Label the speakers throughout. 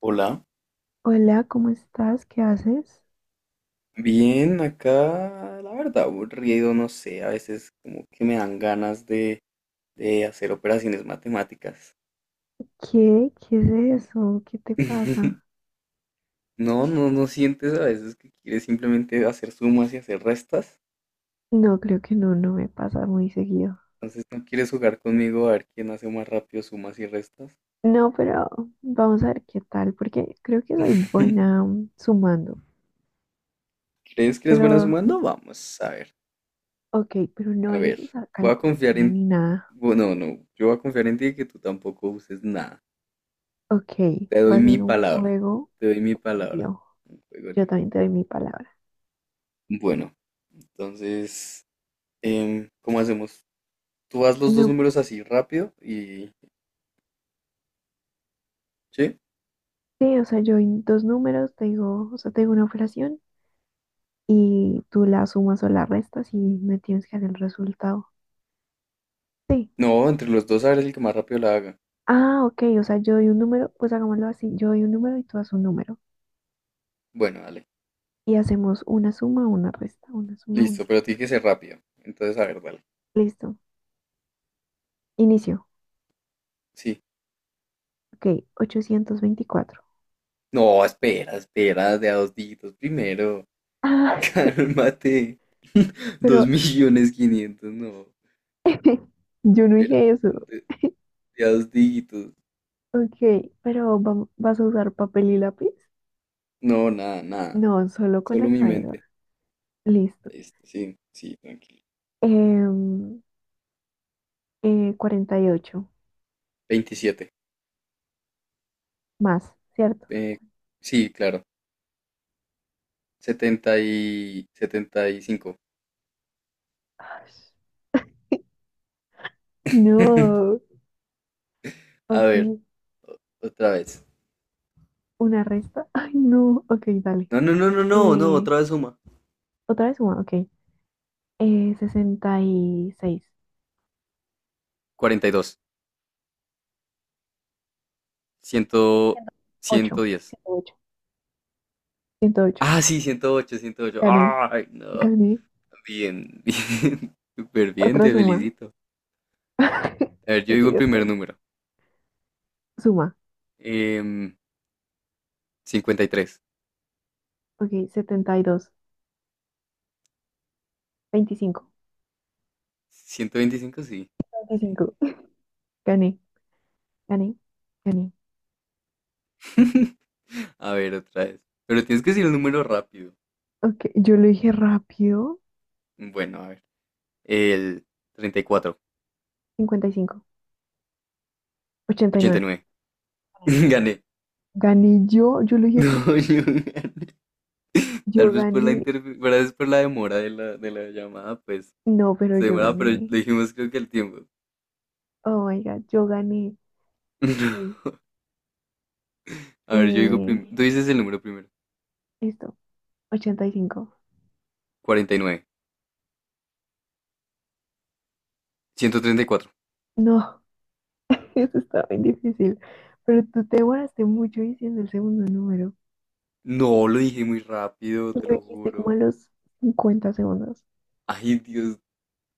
Speaker 1: Hola,
Speaker 2: Hola, ¿cómo estás? ¿Qué haces?
Speaker 1: bien, acá la verdad aburrido, no sé, a veces como que me dan ganas de hacer operaciones matemáticas.
Speaker 2: ¿Qué? ¿Qué es eso? ¿Qué te pasa?
Speaker 1: No, no, no sientes a veces que quieres simplemente hacer sumas y hacer restas.
Speaker 2: No, creo que no, no me pasa muy seguido.
Speaker 1: Entonces, ¿no quieres jugar conmigo a ver quién hace más rápido sumas y restas?
Speaker 2: No, pero vamos a ver qué tal, porque creo que soy buena sumando.
Speaker 1: ¿Crees que eres buena
Speaker 2: Pero,
Speaker 1: sumando? Vamos, a ver,
Speaker 2: ok, pero no
Speaker 1: a
Speaker 2: eres
Speaker 1: ver.
Speaker 2: usar
Speaker 1: Voy a confiar
Speaker 2: calculadora
Speaker 1: en.
Speaker 2: ni nada.
Speaker 1: Bueno, no, no, yo voy a confiar en ti y que tú tampoco uses nada.
Speaker 2: Ok,
Speaker 1: Te
Speaker 2: va
Speaker 1: doy
Speaker 2: a
Speaker 1: mi
Speaker 2: ser un
Speaker 1: palabra,
Speaker 2: juego
Speaker 1: te doy mi palabra.
Speaker 2: limpio.
Speaker 1: Un juego
Speaker 2: Yo
Speaker 1: limpio.
Speaker 2: también te doy mi palabra.
Speaker 1: Bueno, entonces, ¿cómo hacemos? Tú haz los dos
Speaker 2: No,
Speaker 1: números así rápido y. ¿Sí?
Speaker 2: sí, o sea, yo en dos números te digo, o sea, te digo una operación y tú la sumas o la restas y me tienes que dar el resultado. Sí.
Speaker 1: No, entre los dos a ver el que más rápido la haga.
Speaker 2: Ah, ok, o sea, yo doy un número, pues hagámoslo así, yo doy un número y tú das un número.
Speaker 1: Bueno, dale.
Speaker 2: Y hacemos una suma, una resta, una suma, una
Speaker 1: Listo,
Speaker 2: resta.
Speaker 1: pero tiene que ser rápido. Entonces, a ver, dale.
Speaker 2: Listo. Inicio.
Speaker 1: Sí.
Speaker 2: Ok, 824.
Speaker 1: No, espera, espera, de a dos dígitos primero.
Speaker 2: Ah,
Speaker 1: Cálmate. Dos
Speaker 2: pero
Speaker 1: millones quinientos, no.
Speaker 2: yo no
Speaker 1: Espera,
Speaker 2: dije eso.
Speaker 1: de, de a dos dígitos.
Speaker 2: Ok, pero ¿vas a usar papel y lápiz?
Speaker 1: No, nada, nada.
Speaker 2: No, solo con la
Speaker 1: Solo mi
Speaker 2: cabeza.
Speaker 1: mente.
Speaker 2: Listo.
Speaker 1: Listo, sí, sí, tranquilo.
Speaker 2: Em, 48
Speaker 1: 27.
Speaker 2: más, ¿cierto?
Speaker 1: Eh, sí, claro. Setenta y cinco.
Speaker 2: Ay, no,
Speaker 1: A ver,
Speaker 2: ok,
Speaker 1: otra vez.
Speaker 2: una resta. Ay, no, ok, dale.
Speaker 1: No, no, no, no, no, no,
Speaker 2: Eh,
Speaker 1: otra vez suma.
Speaker 2: Otra vez una, ok. 66.
Speaker 1: 42.
Speaker 2: ciento
Speaker 1: ciento
Speaker 2: ocho
Speaker 1: diez
Speaker 2: ciento ocho ciento ocho.
Speaker 1: Ah, sí, ciento ocho.
Speaker 2: Gané.
Speaker 1: Ay, no.
Speaker 2: Gané.
Speaker 1: Bien, bien. Súper bien,
Speaker 2: Otra
Speaker 1: te
Speaker 2: suma.
Speaker 1: felicito. A ver, yo
Speaker 2: ¿Qué
Speaker 1: digo el
Speaker 2: quería
Speaker 1: primer
Speaker 2: hacer?
Speaker 1: número.
Speaker 2: Suma.
Speaker 1: Em, 53.
Speaker 2: Ok, 72, veinticinco
Speaker 1: 125, sí. Sí.
Speaker 2: veinticinco Gané. Gané. Gané.
Speaker 1: A ver, otra vez. Pero tienes que decir el número rápido.
Speaker 2: Ok, yo lo dije rápido.
Speaker 1: Bueno, a ver. El 34.
Speaker 2: 55.
Speaker 1: ochenta y
Speaker 2: 89.
Speaker 1: nueve
Speaker 2: Gané.
Speaker 1: Gané.
Speaker 2: Gané yo. Yo lo dije.
Speaker 1: No.
Speaker 2: Yo
Speaker 1: Tal vez por la
Speaker 2: gané.
Speaker 1: interfe- tal vez por la demora de la llamada, pues
Speaker 2: No, pero
Speaker 1: se
Speaker 2: yo
Speaker 1: demoraba, pero
Speaker 2: gané.
Speaker 1: dijimos creo que el tiempo.
Speaker 2: Oh my God, yo gané. Ok.
Speaker 1: A ver, yo digo
Speaker 2: Eh,
Speaker 1: primero. Tú dices el número primero.
Speaker 2: esto. 85.
Speaker 1: 49. 134.
Speaker 2: No. Eso está bien difícil. Pero tú te demoraste mucho diciendo el segundo número.
Speaker 1: No, lo dije muy rápido,
Speaker 2: Lo
Speaker 1: te lo
Speaker 2: dijiste como a
Speaker 1: juro.
Speaker 2: los 50 segundos.
Speaker 1: Ay, Dios,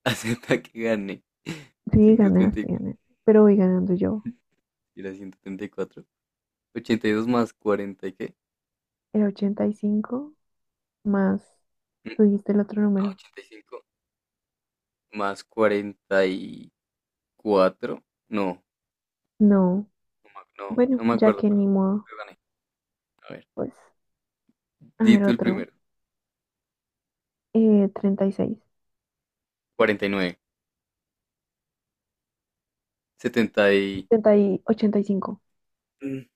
Speaker 1: acepta que gane.
Speaker 2: Sí, ganaste,
Speaker 1: 134.
Speaker 2: ganaste. Pero voy ganando yo.
Speaker 1: Era 134. 82 más 40, ¿y qué?
Speaker 2: Era 85 más.
Speaker 1: Mm,
Speaker 2: Tú dijiste el otro
Speaker 1: No,
Speaker 2: número.
Speaker 1: 85 más 44. No,
Speaker 2: No.
Speaker 1: no, no,
Speaker 2: Bueno,
Speaker 1: no me
Speaker 2: ya
Speaker 1: acuerdo,
Speaker 2: que
Speaker 1: pero
Speaker 2: ni modo.
Speaker 1: pero gané. A ver,
Speaker 2: Pues, a
Speaker 1: di
Speaker 2: ver,
Speaker 1: tú el
Speaker 2: otro.
Speaker 1: primero.
Speaker 2: Treinta y seis
Speaker 1: 49. 70 y.
Speaker 2: treinta y ochenta y cinco
Speaker 1: Mm,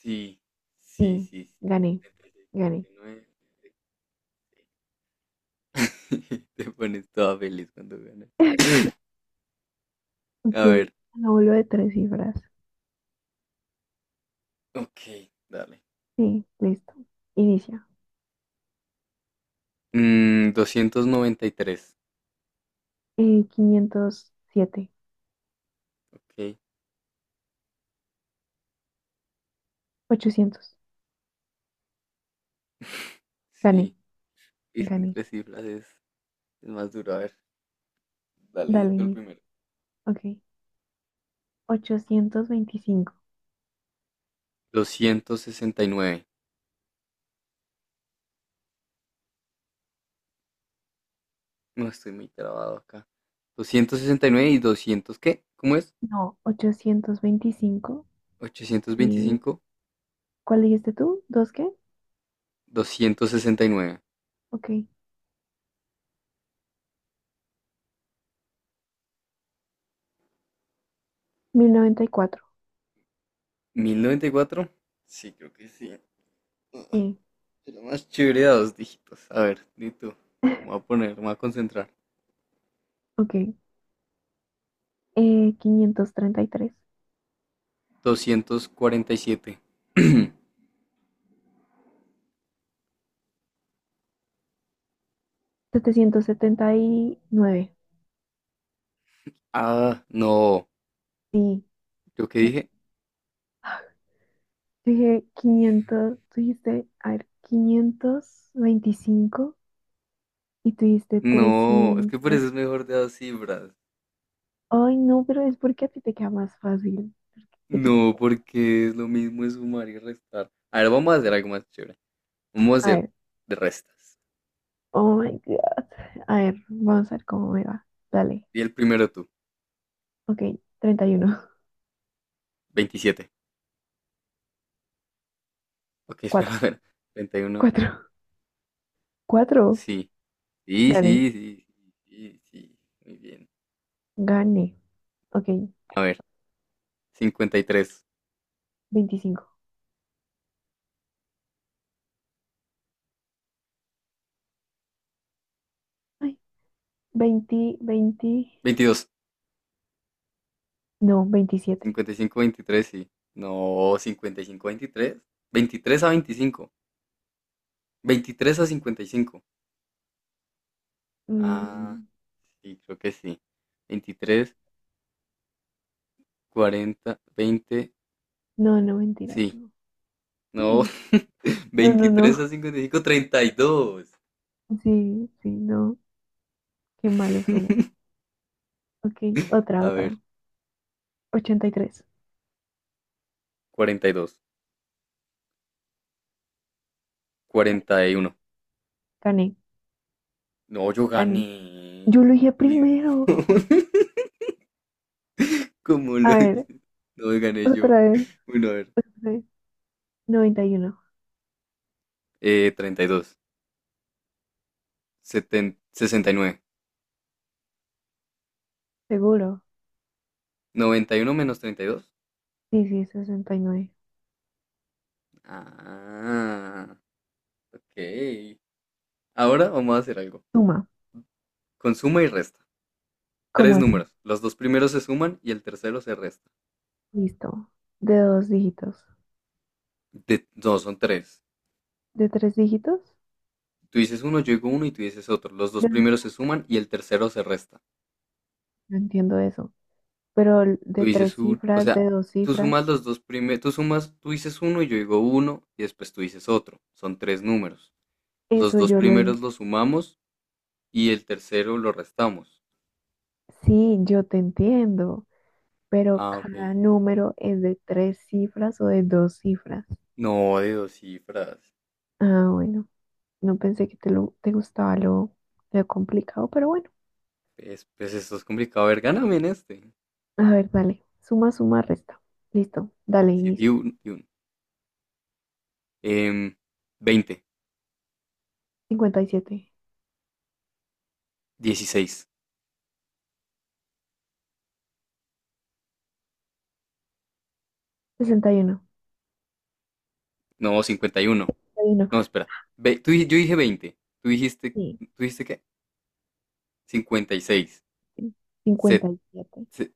Speaker 1: sí, sí,
Speaker 2: Sí,
Speaker 1: sí, sí.
Speaker 2: gané.
Speaker 1: 76,
Speaker 2: Gané.
Speaker 1: 79. Te pones toda feliz cuando ganas.
Speaker 2: Ok.
Speaker 1: A ver.
Speaker 2: Lo vuelvo de tres cifras.
Speaker 1: Ok, dale.
Speaker 2: Sí, listo. Inicia.
Speaker 1: 293.
Speaker 2: 507,
Speaker 1: Ok.
Speaker 2: 800. Gané,
Speaker 1: Sí. Es que en
Speaker 2: gané.
Speaker 1: tres cifras es más duro. A ver. Dale, di
Speaker 2: Dale,
Speaker 1: tú el
Speaker 2: Nick.
Speaker 1: primero.
Speaker 2: Ok. 825.
Speaker 1: 269. No estoy muy trabado acá. 269 y 200, ¿qué? ¿Cómo es?
Speaker 2: No, 825.
Speaker 1: ochocientos
Speaker 2: ¿Y
Speaker 1: veinticinco.
Speaker 2: cuál dijiste tú? ¿Dos qué?
Speaker 1: 269.
Speaker 2: Ok. 1094.
Speaker 1: 1094. Sí, creo que sí.
Speaker 2: Sí.
Speaker 1: Pero más chévere de dos dígitos. A ver, di tú. Me voy a poner, me voy a concentrar.
Speaker 2: Ok. 533,
Speaker 1: 247.
Speaker 2: 779.
Speaker 1: Ah, no.
Speaker 2: Sí.
Speaker 1: ¿Yo qué dije?
Speaker 2: Ah, dije 500. Tú dijiste, a ver, 525. Y tú dijiste
Speaker 1: No, es que por
Speaker 2: 300.
Speaker 1: eso es mejor de dos cifras.
Speaker 2: Ay, no, pero es porque a ti te queda más fácil porque quieres.
Speaker 1: No, porque es lo mismo es sumar y restar. A ver, vamos a hacer algo más chévere. Vamos a
Speaker 2: A
Speaker 1: hacer
Speaker 2: ver.
Speaker 1: de restas.
Speaker 2: Oh my God. A ver, vamos a ver cómo me va. Dale.
Speaker 1: Y el primero tú.
Speaker 2: Ok, 31,
Speaker 1: 27. Ok, espera,
Speaker 2: cuatro,
Speaker 1: a ver. 31.
Speaker 2: cuatro, cuatro.
Speaker 1: Sí. Sí,
Speaker 2: Gané.
Speaker 1: sí, sí, sí, sí, muy bien.
Speaker 2: Gané. Ok,
Speaker 1: A ver, 53,
Speaker 2: 25. Ay, 20, 20.
Speaker 1: 22,
Speaker 2: No, 27.
Speaker 1: 55, 23, sí. No, 55, 23, 23 a 25, 23 a 55. Ah,
Speaker 2: Mm,
Speaker 1: sí, creo que sí. 23, 40, 20,
Speaker 2: no, no, mentiras,
Speaker 1: sí.
Speaker 2: no.
Speaker 1: No,
Speaker 2: Sí. No, no,
Speaker 1: 23 a
Speaker 2: no.
Speaker 1: 55, 32.
Speaker 2: Sí, sí, no. Qué malos somos. Ok, otra,
Speaker 1: A
Speaker 2: otra.
Speaker 1: ver,
Speaker 2: 83,
Speaker 1: 42,
Speaker 2: 41.
Speaker 1: 41.
Speaker 2: Gané,
Speaker 1: No, yo
Speaker 2: gané.
Speaker 1: gané.
Speaker 2: Yo lo dije
Speaker 1: Uy,
Speaker 2: primero.
Speaker 1: no. ¿Cómo
Speaker 2: A
Speaker 1: lo
Speaker 2: ver,
Speaker 1: hice? No, gané yo.
Speaker 2: otra vez.
Speaker 1: Bueno, a ver.
Speaker 2: Otra y uno.
Speaker 1: 32, 69,
Speaker 2: Seguro.
Speaker 1: 91 menos 32.
Speaker 2: Sí, sí, 69.
Speaker 1: Ah, ok. Ahora vamos a hacer algo.
Speaker 2: Suma.
Speaker 1: Con suma y resta.
Speaker 2: ¿Cómo
Speaker 1: Tres
Speaker 2: así?
Speaker 1: números. Los dos primeros se suman y el tercero se resta.
Speaker 2: Listo. De dos dígitos.
Speaker 1: No, son tres.
Speaker 2: ¿De tres dígitos?
Speaker 1: Tú dices uno, yo digo uno y tú dices otro. Los dos
Speaker 2: De-
Speaker 1: primeros se suman y el tercero se resta.
Speaker 2: No entiendo eso. Pero
Speaker 1: Tú
Speaker 2: de tres
Speaker 1: dices un, o
Speaker 2: cifras,
Speaker 1: sea,
Speaker 2: de dos
Speaker 1: tú sumas
Speaker 2: cifras,
Speaker 1: los dos primeros, tú dices uno y yo digo uno y después tú dices otro. Son tres números. Los
Speaker 2: eso
Speaker 1: dos
Speaker 2: yo lo en…
Speaker 1: primeros los sumamos y el tercero lo restamos.
Speaker 2: Sí, yo te entiendo. Pero
Speaker 1: Ah, ok.
Speaker 2: cada número es de tres cifras o de dos cifras.
Speaker 1: No, de dos cifras.
Speaker 2: Ah, bueno. No pensé que te gustaba lo complicado, pero bueno.
Speaker 1: Pues, esto es complicado. A ver, gáname en este.
Speaker 2: A ver, dale. Suma, suma, resta. Listo. Dale,
Speaker 1: Sí, di
Speaker 2: inicia.
Speaker 1: un, di un. Em, 20,
Speaker 2: Cincuenta y siete,
Speaker 1: 16,
Speaker 2: sesenta uno,
Speaker 1: no, 51.
Speaker 2: 61.
Speaker 1: No, espera. Yo dije 20. Tú dijiste,
Speaker 2: Sí.
Speaker 1: ¿tú dijiste qué? 56.
Speaker 2: cincuenta
Speaker 1: set-
Speaker 2: y siete
Speaker 1: se-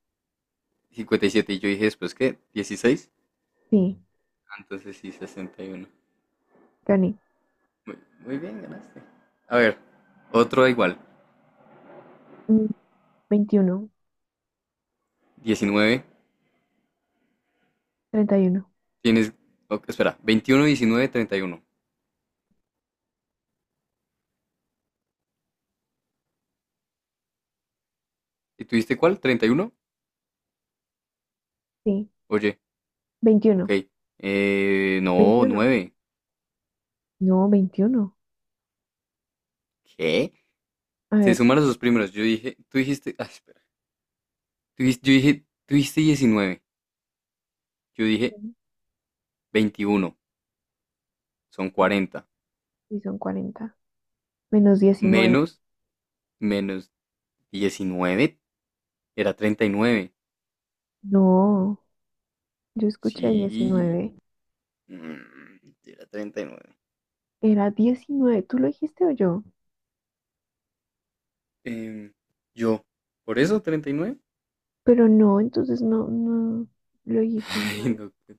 Speaker 1: 57. Y siete. Y yo dije después, ¿qué? 16.
Speaker 2: Sí,
Speaker 1: Entonces sí, 61.
Speaker 2: gané.
Speaker 1: Muy, muy bien, ganaste. A ver, otro igual.
Speaker 2: Mm, 21,
Speaker 1: 19.
Speaker 2: 31.
Speaker 1: Tienes, ok, espera, veintiuno, 19, 30, ¿y uno? ¿Y tuviste cuál? 31.
Speaker 2: Sí,
Speaker 1: Oye, ok.
Speaker 2: veintiuno
Speaker 1: No,
Speaker 2: veintiuno
Speaker 1: 9.
Speaker 2: No, 21.
Speaker 1: ¿Qué?
Speaker 2: A
Speaker 1: Se
Speaker 2: ver,
Speaker 1: sumaron sus primeros. Yo dije, tú dijiste, ah, espera. Yo dije, tú dijiste 19. Yo dije 21. Son 40.
Speaker 2: sí son 40. Menos 19.
Speaker 1: Menos, menos 19. Era 39.
Speaker 2: No, yo escuché
Speaker 1: Sí.
Speaker 2: 19.
Speaker 1: mm, era 39.
Speaker 2: Era 19. ¿Tú lo dijiste o yo?
Speaker 1: Em, yo, ¿por eso 39?
Speaker 2: Pero no, entonces no, no, lo dijiste
Speaker 1: Ay,
Speaker 2: mal.
Speaker 1: no. Pues.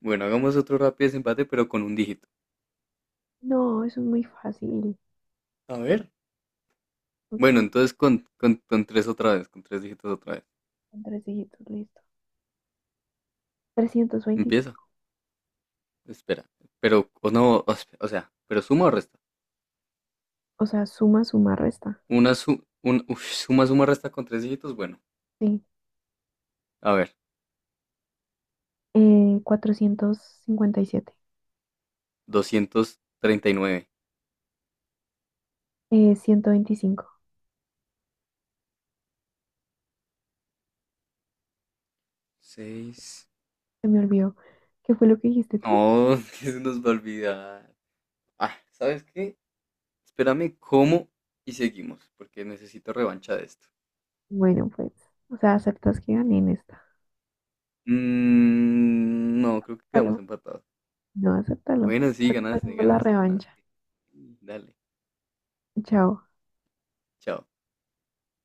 Speaker 1: Bueno, hagamos otro rápido desempate, pero con un dígito.
Speaker 2: No, eso es muy fácil.
Speaker 1: A ver.
Speaker 2: Ok,
Speaker 1: Bueno, entonces con tres otra vez, con tres dígitos otra vez.
Speaker 2: son tres dígitos, listo. trescientos
Speaker 1: Empieza.
Speaker 2: veinticinco
Speaker 1: Espera. Pero, o no, o sea, pero suma o resta.
Speaker 2: O sea, suma, suma, resta.
Speaker 1: Una su, un, uf, suma, suma, resta con tres dígitos. Bueno,
Speaker 2: Sí.
Speaker 1: a ver,
Speaker 2: 457.
Speaker 1: 239.
Speaker 2: 125,
Speaker 1: 6.
Speaker 2: se me olvidó. ¿Qué fue lo que dijiste tú?
Speaker 1: No, que se nos va a olvidar. Ah, ¿sabes qué? Espérame, ¿cómo? Y seguimos, porque necesito revancha de esto.
Speaker 2: Bueno, pues, o sea, aceptas que gané en esta.
Speaker 1: Mm, no, creo que quedamos
Speaker 2: Acéptalo.
Speaker 1: empatados.
Speaker 2: No, acéptalo.
Speaker 1: Bueno, sí, ganaste,
Speaker 2: Hacemos la
Speaker 1: ganaste,
Speaker 2: revancha.
Speaker 1: ganaste. Dale,
Speaker 2: Chao.
Speaker 1: chao.